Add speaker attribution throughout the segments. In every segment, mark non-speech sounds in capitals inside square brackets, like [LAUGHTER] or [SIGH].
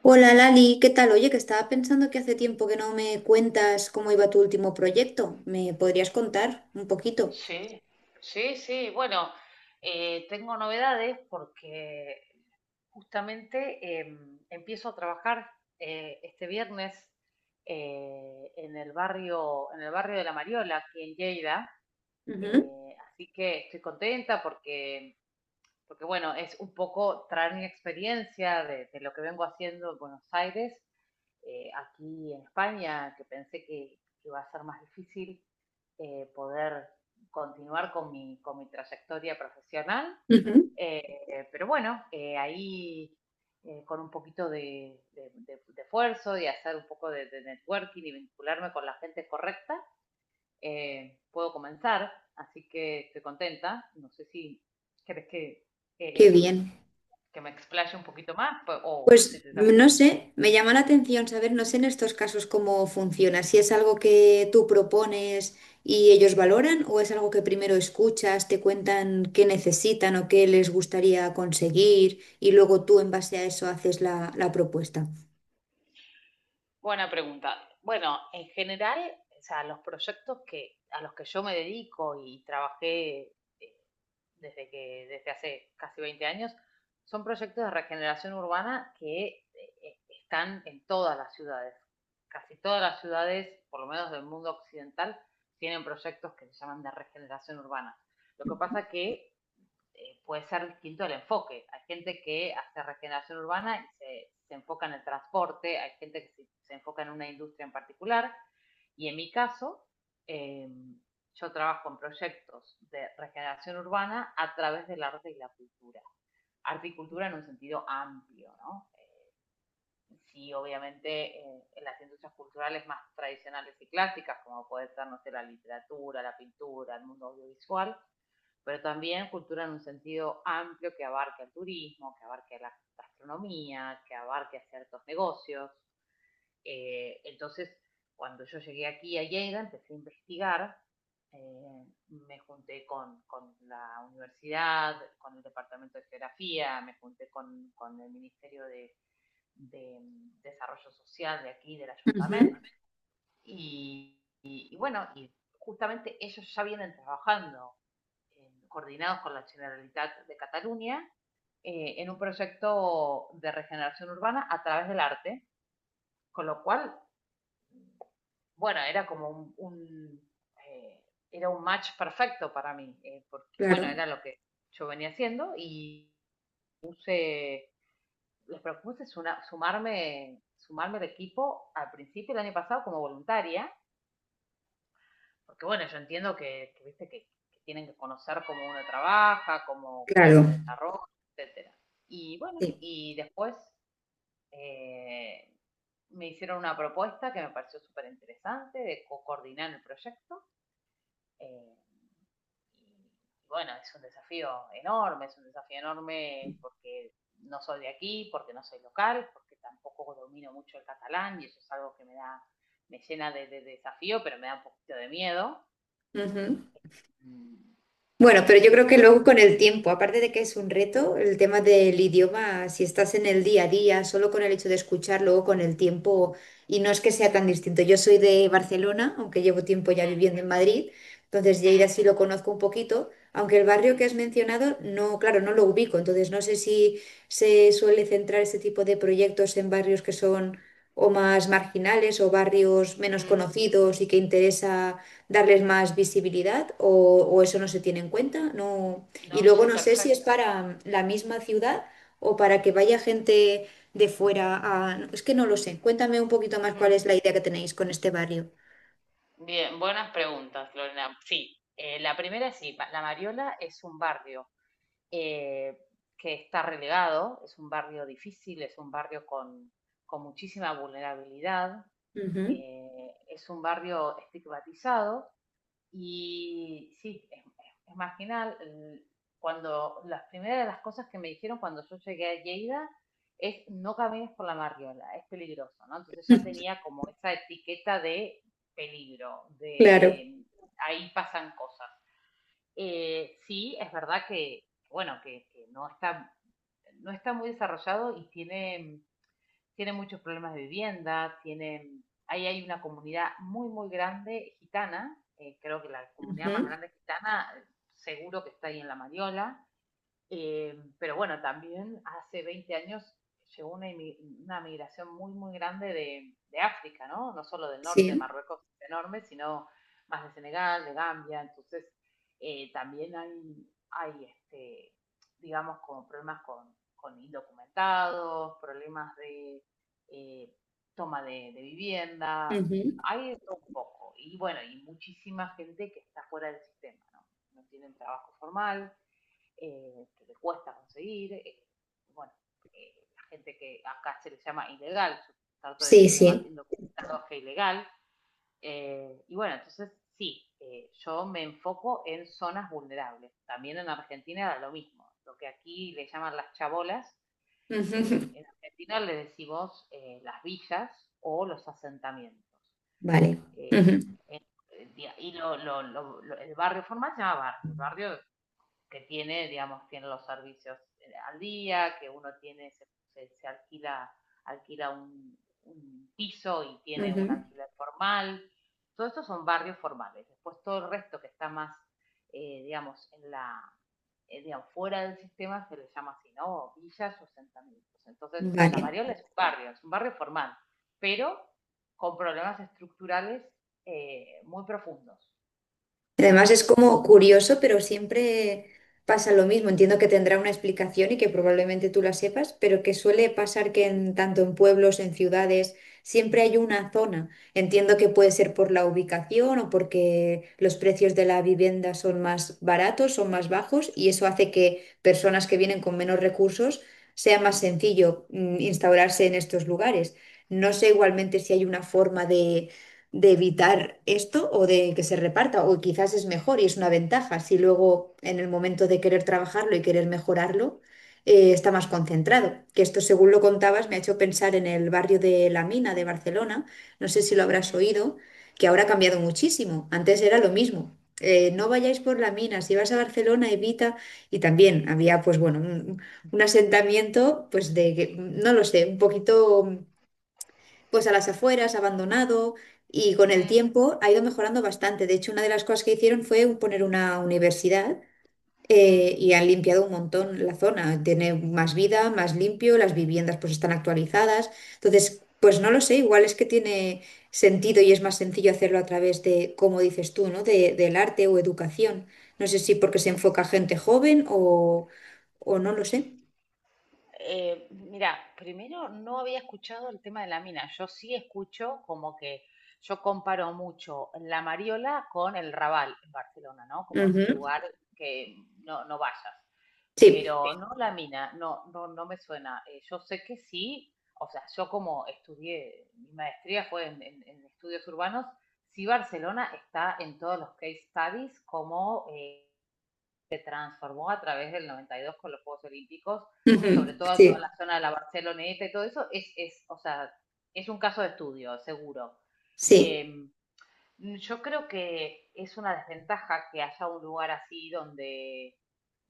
Speaker 1: Hola Lali, ¿qué tal? Oye, que estaba pensando que hace tiempo que no me cuentas cómo iba tu último proyecto. ¿Me podrías contar un poquito?
Speaker 2: Sí, sí, sí. Bueno, tengo novedades porque justamente empiezo a trabajar este viernes en el barrio de La Mariola, aquí en Lleida.
Speaker 1: Ujú,
Speaker 2: Así que estoy contenta porque, porque bueno, es un poco traer mi experiencia de lo que vengo haciendo en Buenos Aires, aquí en España, que pensé que iba a ser más difícil poder continuar con mi trayectoria profesional.
Speaker 1: ujú.
Speaker 2: Pero bueno, ahí, con un poquito de esfuerzo y hacer un poco de networking y vincularme con la gente correcta, puedo comenzar. Así que estoy contenta. No sé si querés
Speaker 1: Qué
Speaker 2: eh,
Speaker 1: bien.
Speaker 2: que me explaye un poquito más pues, o si
Speaker 1: Pues
Speaker 2: te hago.
Speaker 1: no sé, me llama la atención saber, no sé en estos casos cómo funciona, si es algo que tú propones y ellos valoran o es algo que primero escuchas, te cuentan qué necesitan o qué les gustaría conseguir y luego tú en base a eso haces la propuesta.
Speaker 2: Buena pregunta. Bueno, en general, o sea, los proyectos que, a los que yo me dedico y trabajé, eh, desde que, desde hace casi 20 años, son proyectos de regeneración urbana que están en todas las ciudades. Casi todas las ciudades, por lo menos del mundo occidental, tienen proyectos que se llaman de regeneración urbana. Lo que pasa que puede ser distinto el enfoque. Hay gente que hace regeneración urbana y se enfoca en el transporte, hay gente que se enfoca en una industria en particular. Y en mi caso, eh, yo trabajo en proyectos de regeneración urbana a través del arte y la cultura. Arte y cultura en un sentido amplio, ¿no? Sí, obviamente en las industrias culturales más tradicionales y clásicas, como puede ser, no sé, la literatura, la pintura, el mundo audiovisual, pero también cultura en un sentido amplio que abarque el turismo, que abarque la gastronomía, que abarque a ciertos negocios. Entonces, cuando yo llegué aquí a Lleida, empecé a investigar. Me junté con la universidad, con el Departamento de Geografía, me junté con el Ministerio de Desarrollo Social de aquí, del
Speaker 1: Ujú,
Speaker 2: Ayuntamiento, y, y bueno, y justamente ellos ya vienen trabajando coordinados con la Generalitat de Cataluña, en un proyecto de regeneración urbana a través del arte, con lo cual, bueno, era como un eh, era un match perfecto para mí, porque
Speaker 1: claro,
Speaker 2: bueno, era lo que yo venía haciendo y les propuse sumarme, sumarme al equipo al principio del año pasado como voluntaria, porque bueno, yo entiendo que, viste, que tienen que conocer cómo uno trabaja, cómo, cómo se
Speaker 1: claro.
Speaker 2: desarrolla, etcétera. Y bueno,
Speaker 1: Sí.
Speaker 2: y después eh, me hicieron una propuesta que me pareció súper interesante de coordinar el proyecto. eh, y bueno, es un desafío enorme, es un desafío enorme porque no soy de aquí, porque no soy local, porque tampoco domino mucho el catalán y eso es algo que me da, me llena de desafío, pero me da un poquito de miedo.
Speaker 1: Ujú.
Speaker 2: Mm,
Speaker 1: Bueno, pero yo
Speaker 2: eh,
Speaker 1: creo que
Speaker 2: pero
Speaker 1: luego con el tiempo, aparte de que es un reto, el tema del idioma, si estás en el día a día, solo con el hecho de escuchar, luego con el tiempo, y no es que sea tan distinto. Yo soy de Barcelona, aunque llevo tiempo ya
Speaker 2: Mm,
Speaker 1: viviendo en Madrid, entonces
Speaker 2: mm,
Speaker 1: Lleida sí lo conozco un poquito, aunque el barrio
Speaker 2: mm,
Speaker 1: que has mencionado, no, claro, no lo ubico, entonces no sé si se suele centrar este tipo de proyectos en barrios que son o más marginales o barrios menos
Speaker 2: mm.
Speaker 1: conocidos y que interesa darles más visibilidad o eso no se tiene en cuenta. No. Y
Speaker 2: No,
Speaker 1: luego
Speaker 2: sí,
Speaker 1: no sé si es
Speaker 2: perfecto.
Speaker 1: para la misma ciudad o para que vaya gente de fuera a... Es que no lo sé. Cuéntame un poquito más cuál
Speaker 2: Mm.
Speaker 1: es la idea que tenéis con este barrio.
Speaker 2: Bien, buenas preguntas, Lorena. Sí, la primera es sí. La Mariola es un barrio eh, que está relegado, es un barrio difícil, es un barrio con muchísima vulnerabilidad,
Speaker 1: Ujú.
Speaker 2: es un barrio estigmatizado y sí, es marginal. Cuando las primeras de las cosas que me dijeron cuando yo llegué a Lleida es no camines por la marriola, es peligroso, ¿no? Entonces ya
Speaker 1: [LAUGHS]
Speaker 2: tenía como esa etiqueta de peligro,
Speaker 1: Claro.
Speaker 2: de ahí pasan cosas. Sí, es verdad que, bueno, que no está, no está muy desarrollado y tienen muchos problemas de vivienda, tienen, ahí hay una comunidad muy, muy grande gitana, creo que la comunidad más
Speaker 1: Ujú.
Speaker 2: grande gitana seguro que está ahí en La Mariola. Pero bueno, también hace 20 años llegó una migración muy, muy grande de África, ¿no? No solo del norte de
Speaker 1: Sí.
Speaker 2: Marruecos, es enorme, sino más de Senegal, de Gambia. Entonces, también hay este, digamos, como problemas con indocumentados, problemas de eh, toma de vivienda.
Speaker 1: Ujú.
Speaker 2: Hay de todo un poco. Y bueno, y muchísima gente que está fuera del sistema, ¿no? No tienen trabajo formal que le cuesta conseguir. Bueno, la gente que acá se le llama ilegal, yo trato de
Speaker 1: Sí,
Speaker 2: decirle más
Speaker 1: sí.
Speaker 2: indocumentado que ilegal. Y bueno, entonces sí, yo me enfoco en zonas vulnerables. También en Argentina era lo mismo. Lo que aquí le llaman las chabolas,
Speaker 1: [LAUGHS] Ujú.
Speaker 2: en Argentina le decimos las villas o los asentamientos.
Speaker 1: Vale.
Speaker 2: Eh,
Speaker 1: Ujú.
Speaker 2: eh, el barrio formal se llama barrio, el barrio que tiene, digamos, tiene los servicios al día, que uno tiene, se, se alquila, alquila un piso y tiene un
Speaker 1: Ujú.
Speaker 2: alquiler formal. Todos estos son barrios formales. Después todo el resto que está más, digamos, en la, digamos, fuera del sistema se le llama así, ¿no? O villas o asentamientos. Entonces, la
Speaker 1: Vale.
Speaker 2: Variola es un barrio formal, pero con problemas estructurales muy profundos,
Speaker 1: Y además
Speaker 2: muy
Speaker 1: es
Speaker 2: profundos.
Speaker 1: como curioso, pero siempre pasa lo mismo. Entiendo que tendrá una explicación y que probablemente tú la sepas, pero que suele pasar que en, tanto en pueblos, en ciudades, siempre hay una zona. Entiendo que puede ser por la ubicación o porque los precios de la vivienda son más baratos, son más bajos y eso hace que personas que vienen con menos recursos sea más sencillo instaurarse en estos lugares. No sé igualmente si hay una forma de evitar esto o de que se reparta, o quizás es mejor y es una ventaja si luego en el momento de querer trabajarlo y querer mejorarlo, está más concentrado. Que esto, según lo contabas, me ha hecho pensar en el barrio de La Mina de Barcelona, no sé si lo habrás oído, que ahora ha cambiado muchísimo, antes era lo mismo. No vayáis por la mina, si vas a Barcelona evita, y también había pues bueno un asentamiento pues de que no lo sé, un poquito pues a las afueras, abandonado, y con el tiempo ha ido mejorando bastante. De hecho, una de las cosas que hicieron fue poner una universidad,
Speaker 2: Mm.
Speaker 1: y han limpiado un montón la zona. Tiene más vida, más limpio, las viviendas pues están actualizadas. Entonces, pues no lo sé, igual es que tiene sentido y es más sencillo hacerlo a través de, como dices tú, ¿no? De, del arte o educación. No sé si porque se enfoca a gente joven o no lo sé.
Speaker 2: Mira, primero no había escuchado el tema de la mina. Yo sí escucho como que yo comparo mucho la Mariola con el Raval en Barcelona, ¿no? Como ese
Speaker 1: Ujú.
Speaker 2: lugar que no, no vayas.
Speaker 1: Sí,
Speaker 2: Pero no la mina, no, no, no me suena. Yo sé que sí, o sea, yo como estudié, mi maestría fue en, en estudios urbanos. Sí, Barcelona está en todos los case studies como transformó a través del 92 con los Juegos Olímpicos, sobre
Speaker 1: ujú.
Speaker 2: todo
Speaker 1: Sí,
Speaker 2: toda la zona de la Barceloneta y todo eso, es, o sea, es un caso de estudio, seguro.
Speaker 1: sí.
Speaker 2: Eh, yo creo que es una desventaja que haya un lugar así donde,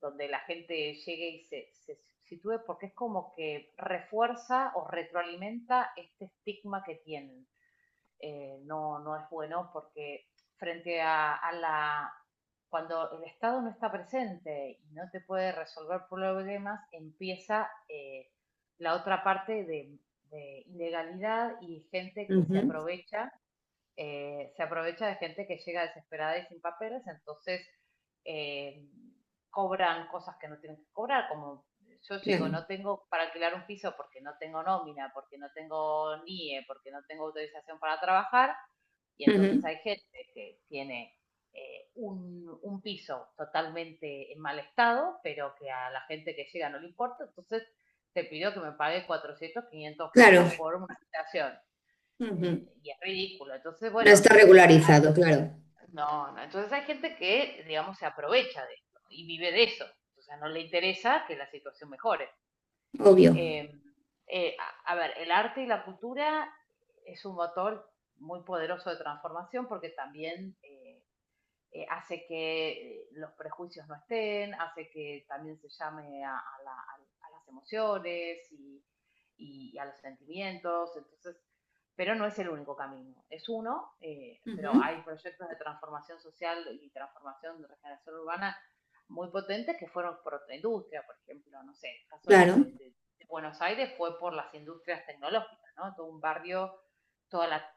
Speaker 2: donde la gente llegue y se sitúe, porque es como que refuerza o retroalimenta este estigma que tienen. No, no es bueno porque frente a la... Cuando el Estado no está presente y no te puede resolver problemas, empieza la otra parte de ilegalidad y gente que se
Speaker 1: Ujú.
Speaker 2: aprovecha, se aprovecha de gente que llega desesperada y sin papeles. Entonces, eh, cobran cosas que no tienen que cobrar, como yo llego,
Speaker 1: Claro.
Speaker 2: no tengo para alquilar un piso porque no tengo nómina, porque no tengo NIE, porque no tengo autorización para trabajar, y entonces
Speaker 1: Ujú,
Speaker 2: hay gente que tiene un piso totalmente en mal estado, pero que a la gente que llega no le importa, entonces te pidió que me pague 400, 500
Speaker 1: claro,
Speaker 2: pesos por una habitación.
Speaker 1: ujú.
Speaker 2: Es ridículo. Entonces,
Speaker 1: No
Speaker 2: bueno,
Speaker 1: está
Speaker 2: digo,
Speaker 1: regularizado, claro,
Speaker 2: no, no. Entonces hay gente que, digamos, se aprovecha de esto y vive de eso. O sea, no le interesa que la situación mejore.
Speaker 1: obvio,
Speaker 2: Eh, eh, a ver, el arte y la cultura es un motor muy poderoso de transformación porque también hace que los prejuicios no estén, hace que también se llame a las emociones y a los sentimientos, entonces, pero no es el único camino, es uno. Pero
Speaker 1: ujú,
Speaker 2: hay proyectos de transformación social y transformación de regeneración urbana muy potentes que fueron por otra industria, por ejemplo, no sé, el caso
Speaker 1: claro,
Speaker 2: de Buenos Aires fue por las industrias tecnológicas, ¿no? Todo un barrio todas la,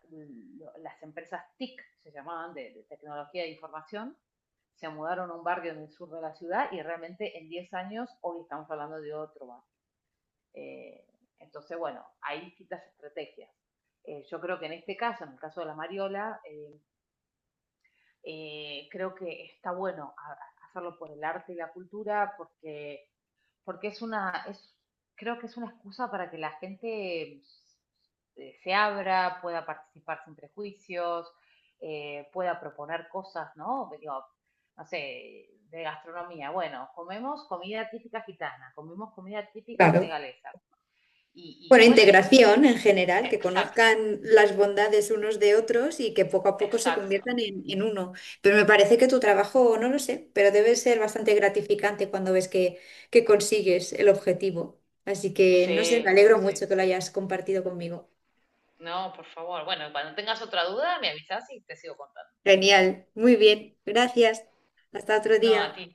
Speaker 2: las empresas TIC, se llamaban, tecnología de información, se mudaron a un barrio en el sur de la ciudad y realmente en 10 años hoy estamos hablando de otro barrio. Eh, entonces, bueno, hay distintas estrategias. Yo creo que en este caso, en el caso de la Mariola, creo que está bueno a hacerlo por el arte y la cultura porque, porque es, creo que es una excusa para que la gente se abra, pueda participar sin prejuicios, pueda proponer cosas, ¿no? Digo, no sé, de gastronomía. Bueno, comemos comida típica gitana, comemos comida típica
Speaker 1: claro.
Speaker 2: senegalesa. Y,
Speaker 1: Bueno,
Speaker 2: y bueno, y, te-
Speaker 1: integración en general, que
Speaker 2: Exacto,
Speaker 1: conozcan las bondades unos de otros y que poco a poco se
Speaker 2: exacto.
Speaker 1: conviertan en uno. Pero me parece que tu trabajo, no lo sé, pero debe ser bastante gratificante cuando ves que consigues el objetivo. Así que, no sé,
Speaker 2: Sí,
Speaker 1: me
Speaker 2: sí,
Speaker 1: alegro mucho
Speaker 2: sí.
Speaker 1: que lo hayas compartido conmigo.
Speaker 2: No, por favor. Bueno, cuando tengas otra duda, me avisas y te sigo contando.
Speaker 1: Genial, muy bien, gracias. Hasta otro
Speaker 2: No, a
Speaker 1: día.
Speaker 2: ti.